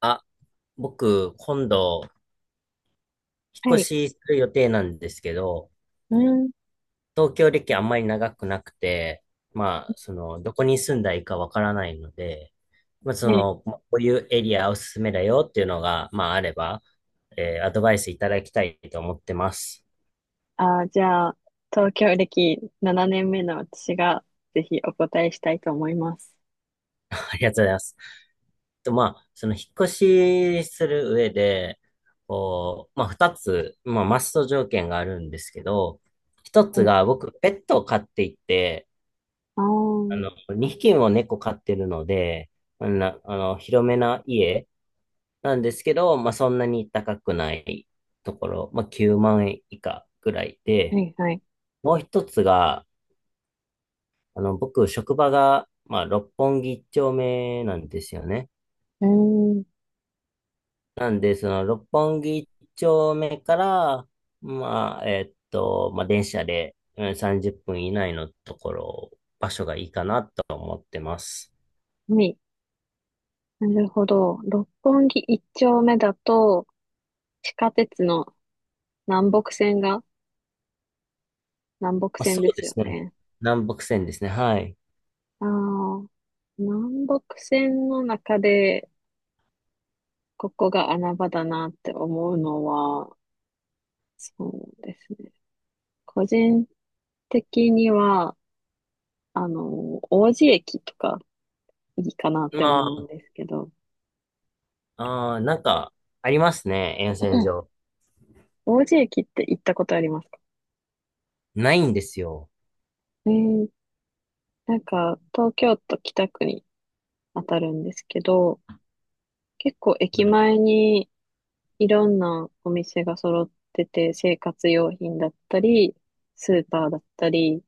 あ、僕、今度、引はっ越い。しする予定なんですけど、うん。東京歴あんまり長くなくて、まあ、その、どこに住んだらいいかわからないので、まあ、そね。の、まあこういうエリアおすすめだよっていうのが、まあ、あれば、アドバイスいただきたいと思ってます。じゃあ、東京歴7年目の私が、ぜひお答えしたいと思います。ありがとうございます。と、まあ、その、引っ越しする上で、こう、まあ、二つ、まあ、マスト条件があるんですけど、一うつん。が、僕、ペットを飼っていて、ああ、は2匹も猫飼ってるので、あんな、あの、広めな家なんですけど、まあ、そんなに高くないところ、まあ、9万円以下ぐらいで、いはい。もう一つが、僕、職場が、まあ、六本木一丁目なんですよね。うーん。なんで、その、六本木一丁目から、まあ、まあ、電車で30分以内のところ、場所がいいかなと思ってます。海。なるほど。六本木一丁目だと、地下鉄の南北線が、南北まあ、そ線でうですよすね。ね。南北線ですね。はい。ああ、南北線の中でここが穴場だなって思うのは、そうですね。個人的には、王子駅とかいいかなって思うまんですけど、あ、なんか、ありますね、沿線 上。王子駅って行ったことありますか？ないんですよ。えー、なんか、東京都北区に当たるんですけど、結構駅前にいろんなお店が揃ってて、生活用品だったり、スーパーだったり、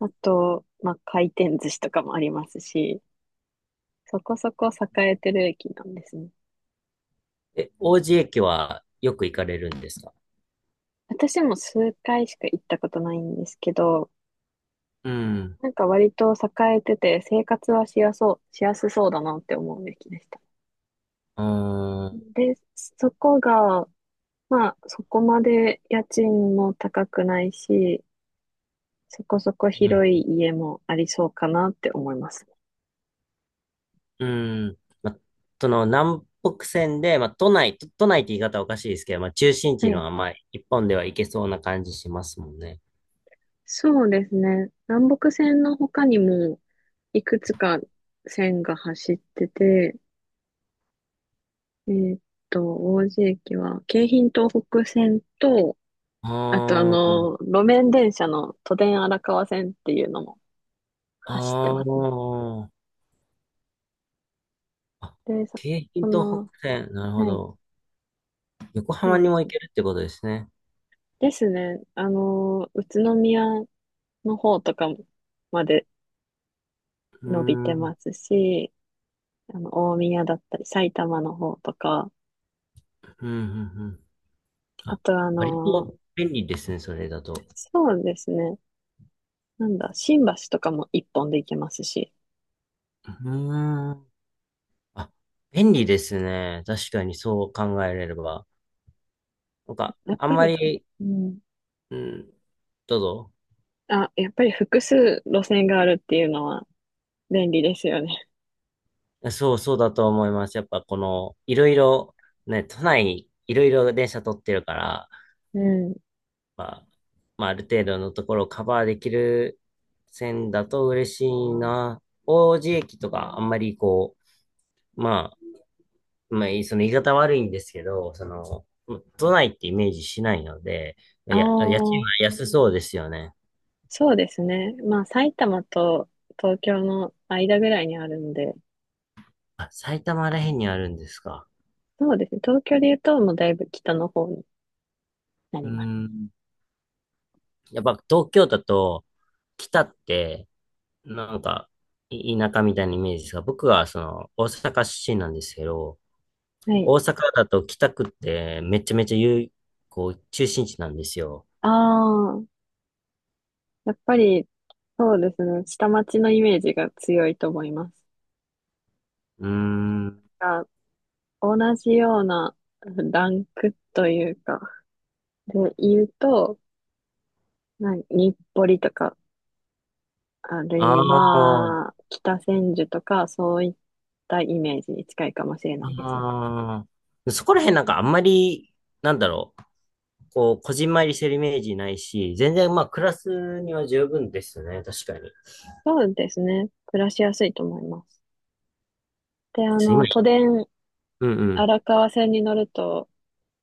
あと、まあ、回転寿司とかもありますし、そこそこ栄えてる駅なんですね。え、王子駅はよく行かれるんですか？私も数回しか行ったことないんですけど、うん。なんか割と栄えてて生活はしやそう、しやすそうだなって思うべきでした。うーん。で、そこが、まあそこまで家賃も高くないし、そこそこうん。広い家もありそうかなって思います。うん。ま、その、南北線で、ま、都内、都内って言い方はおかしいですけど、ま、中心は地のい。は、まあ、一本では行けそうな感じしますもんね。そうですね。南北線の他にもいくつか線が走ってて、えーっ王子駅は京浜東北線と、あとああー、の、路面電車の都電荒川線っていうのも走ってあますね。ー、あ、で、さ、京浜そ東の、北線、なるほはい、ど。横浜そうにでもす行ね。けるってことですね。ですね。あの、宇都宮の方とかまでうー伸びん、うてん、ますし、あの、大宮だったり、埼玉の方とか、うん、うん。ああ、とあ割の、と便利ですね、それだと。そうですね。なんだ、新橋とかも一本で行けますし、うーん。あ、便利ですね。確かにそう考えれれば。なんか、やっあんぱまり、り、うん。うん、どうぞ。あ、やっぱり複数路線があるっていうのは便利ですよね。そう、そうだと思います。やっぱこの、いろいろ、ね、都内、いろいろ電車取ってるから、うん。まあ、まあ、ある程度のところをカバーできる線だと嬉しいな。王子駅とか、あんまりこう、まあ、まあ、その言い方悪いんですけど、その、都内ってイメージしないので、あいや、家賃あ、は安そうですよね。そうですね。まあ、埼玉と東京の間ぐらいにあるんで、あ、埼玉らへんにあるんですか。そうですね。東京で言うと、もうだいぶ北の方になうります。ーん。やっぱ東京だと、北って、なんか、田舎みたいなイメージですが、僕はその、大阪出身なんですけど、はい。大阪だと北区ってめちゃめちゃこう、中心地なんですよ。ああ、やっぱり、そうですね。下町のイメージが強いと思います。うーん。が、同じようなランクというか、で言うと、な日暮里とか、あるあいあ、は、北千住とか、そういったイメージに近いかもしれないですね。ああ。そこら辺なんかあんまり、なんだろう。こう、こじんまりしてるイメージないし、全然まあ、クラスには十分ですね、確かに。ちょそうですね。暮らしやすいと思います。で、あっと今、の、都電うんうん。荒川線に乗ると、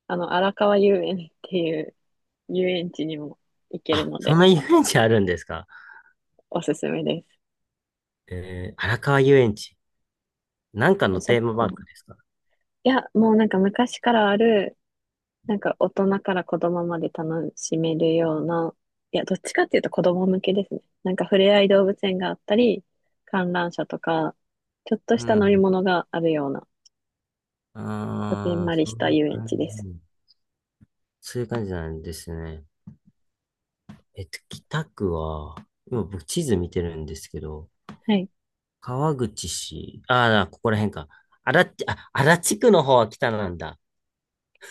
あの、荒川遊園っていう遊園地にも行けるあ、のそんで、な遊園地あるんですか？おすすめでえー、荒川遊園地。なんかのす。そテーマパーこ。クですか？いや、もうなんか昔からある、なんか大人から子供まで楽しめるような、いや、どっちかっていうと子供向けですね。なんか触れ合い動物園があったり、観覧車とか、ちょっとうした乗りん。物があるような、こじんああ、まりそしうたいう遊園感地です。じ。そういう感じなんですね。北区は、今僕地図見てるんですけど、はい。川口市、ああ、ここら辺か。荒立あ、荒地区の方は北なんだ。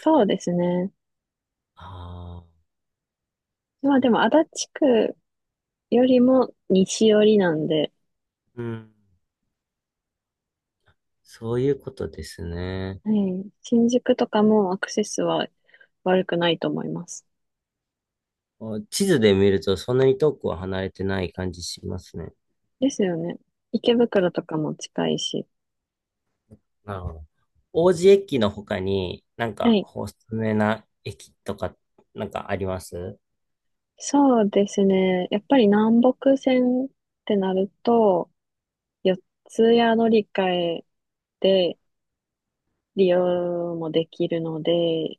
そうですね。ああ、まあそでう、も、足立区よりも西寄りなんで、うん。そういうことですね。はい、新宿とかもアクセスは悪くないと思います。あ、地図で見るとそんなに遠くは離れてない感じしますね。ですよね。池袋とかも近いし。なるほど。王子駅の他になんはかい。おすすめな駅とかなんかあります？そうですね。やっぱり南北線ってなると、四ツ谷乗り換えで利用もできるので、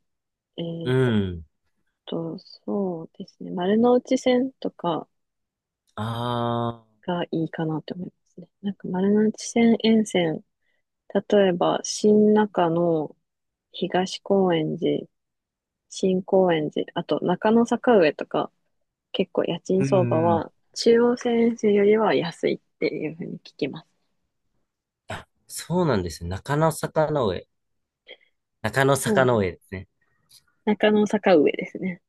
えーうっん。そうですね。丸ノ内線とかああ。がいいかなと思いますね。なんか丸ノ内線沿線例えば、新中野、東高円寺、新高円寺、あと中野坂上とか、結構家賃う相んう場ん。は中央線沿線よりは安いっていうふうに聞きます。あ、そうなんですね。中野坂の上。中野う坂のん、上ですね。中野坂上ですね。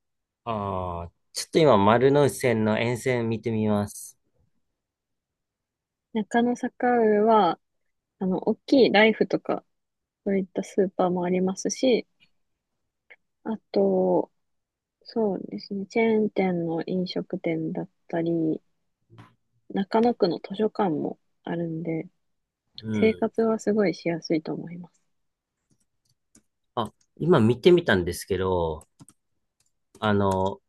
ああ。ちょっと今丸ノ内線の沿線見てみます。中野坂上は、あの、大きいライフとか、そういったスーパーもありますし、あと、そうですね、チェーン店の飲食店だったり、中野区の図書館もあるんで、う生ん。活はすごいしやすいと思います。あ、今見てみたんですけど、あの、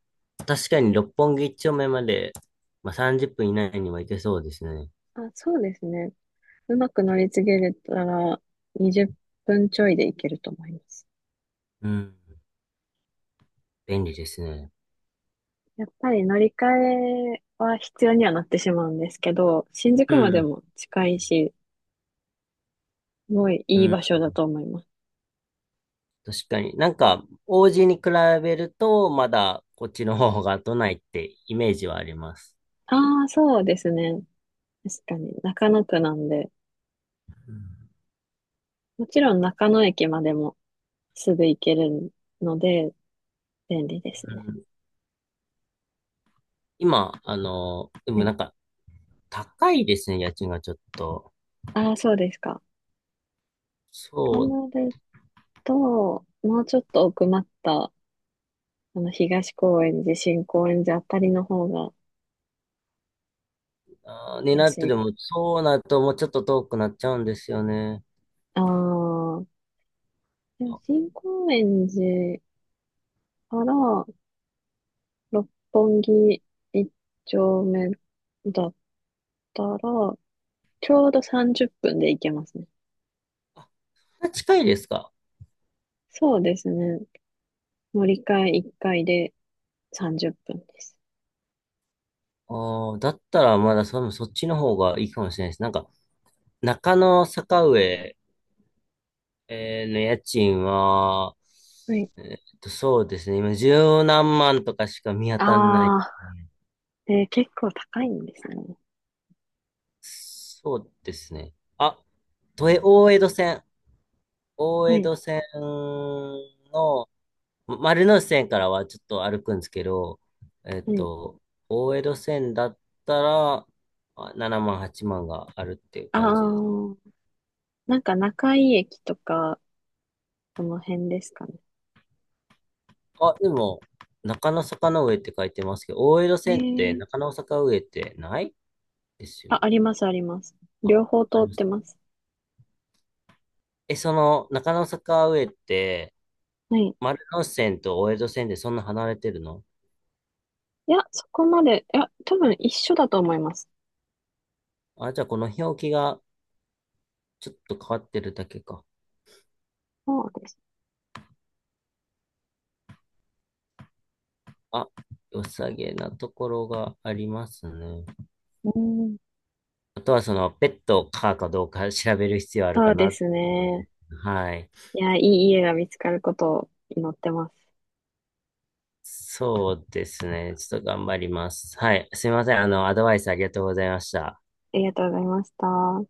確かに六本木一丁目まで、まあ、30分以内には行けそうですね。あ、そうですね。うまく乗り継げれたら20分ちょいで行けると思います。うん。便利ですね。やっぱり乗り換えは必要にはなってしまうんですけど、新宿うまでん。も近いし、すごいういいん。場所だと思います。確かに。なんか、王子に比べると、まだこっちの方が都内ってイメージはあります。ああ、そうですね。確かに中野区なんで、うんもちろん中野駅までもすぐ行けるので便利でうすね。ん。今、ではもい。なんか、高いですね、家賃がちょっと。ああ、そうですか。とそう、なると、もうちょっと奥まったあの、東高円寺、新高円寺あたりの方がになる安とい。でも、そうなるともうちょっと遠くなっちゃうんですよね。ああ、でも新高円寺から六本木一丁目だったら、ちょうど30分で行けますね。あ、近いですか？そうですね。乗り換え1回で30分です。ああー、だったらまだそっちの方がいいかもしれないです。なんか、中野坂上、の家賃は、はい。そうですね。今、十何万とかしか見当たんない。ああ、結構高いんですね。そうですね。あ、都営、大江戸線。大は江い、戸線の、ま丸ノ内線からはちょっと歩くんですけど、えっはい。と、大江戸線だったら、7万、8万があるっていうあ感じです。あ、なんか中井駅とか、その辺ですかね。あ、でも、中野坂の上って書いてますけど、大江戸線ってえ、中野坂上ってないですよあ、ね。あります、あります。あ、両方通ありっまてす。ます。え、その、中野坂上って、はい。丸ノ内線と大江戸線でそんな離れてるの？いや、そこまで、いや、多分一緒だと思います。あ、じゃあこの表記がちょっと変わってるだけか。そうです。あ、良さげなところがありますね。うん。あとはその、ペットを飼うかどうか調べる必要あるそかうでな。すね。はい。いや、いい家が見つかることを祈ってます。そうですね。ちょっと頑張ります。はい。すいません。アドバイスありがとうございました。ありがとうございました。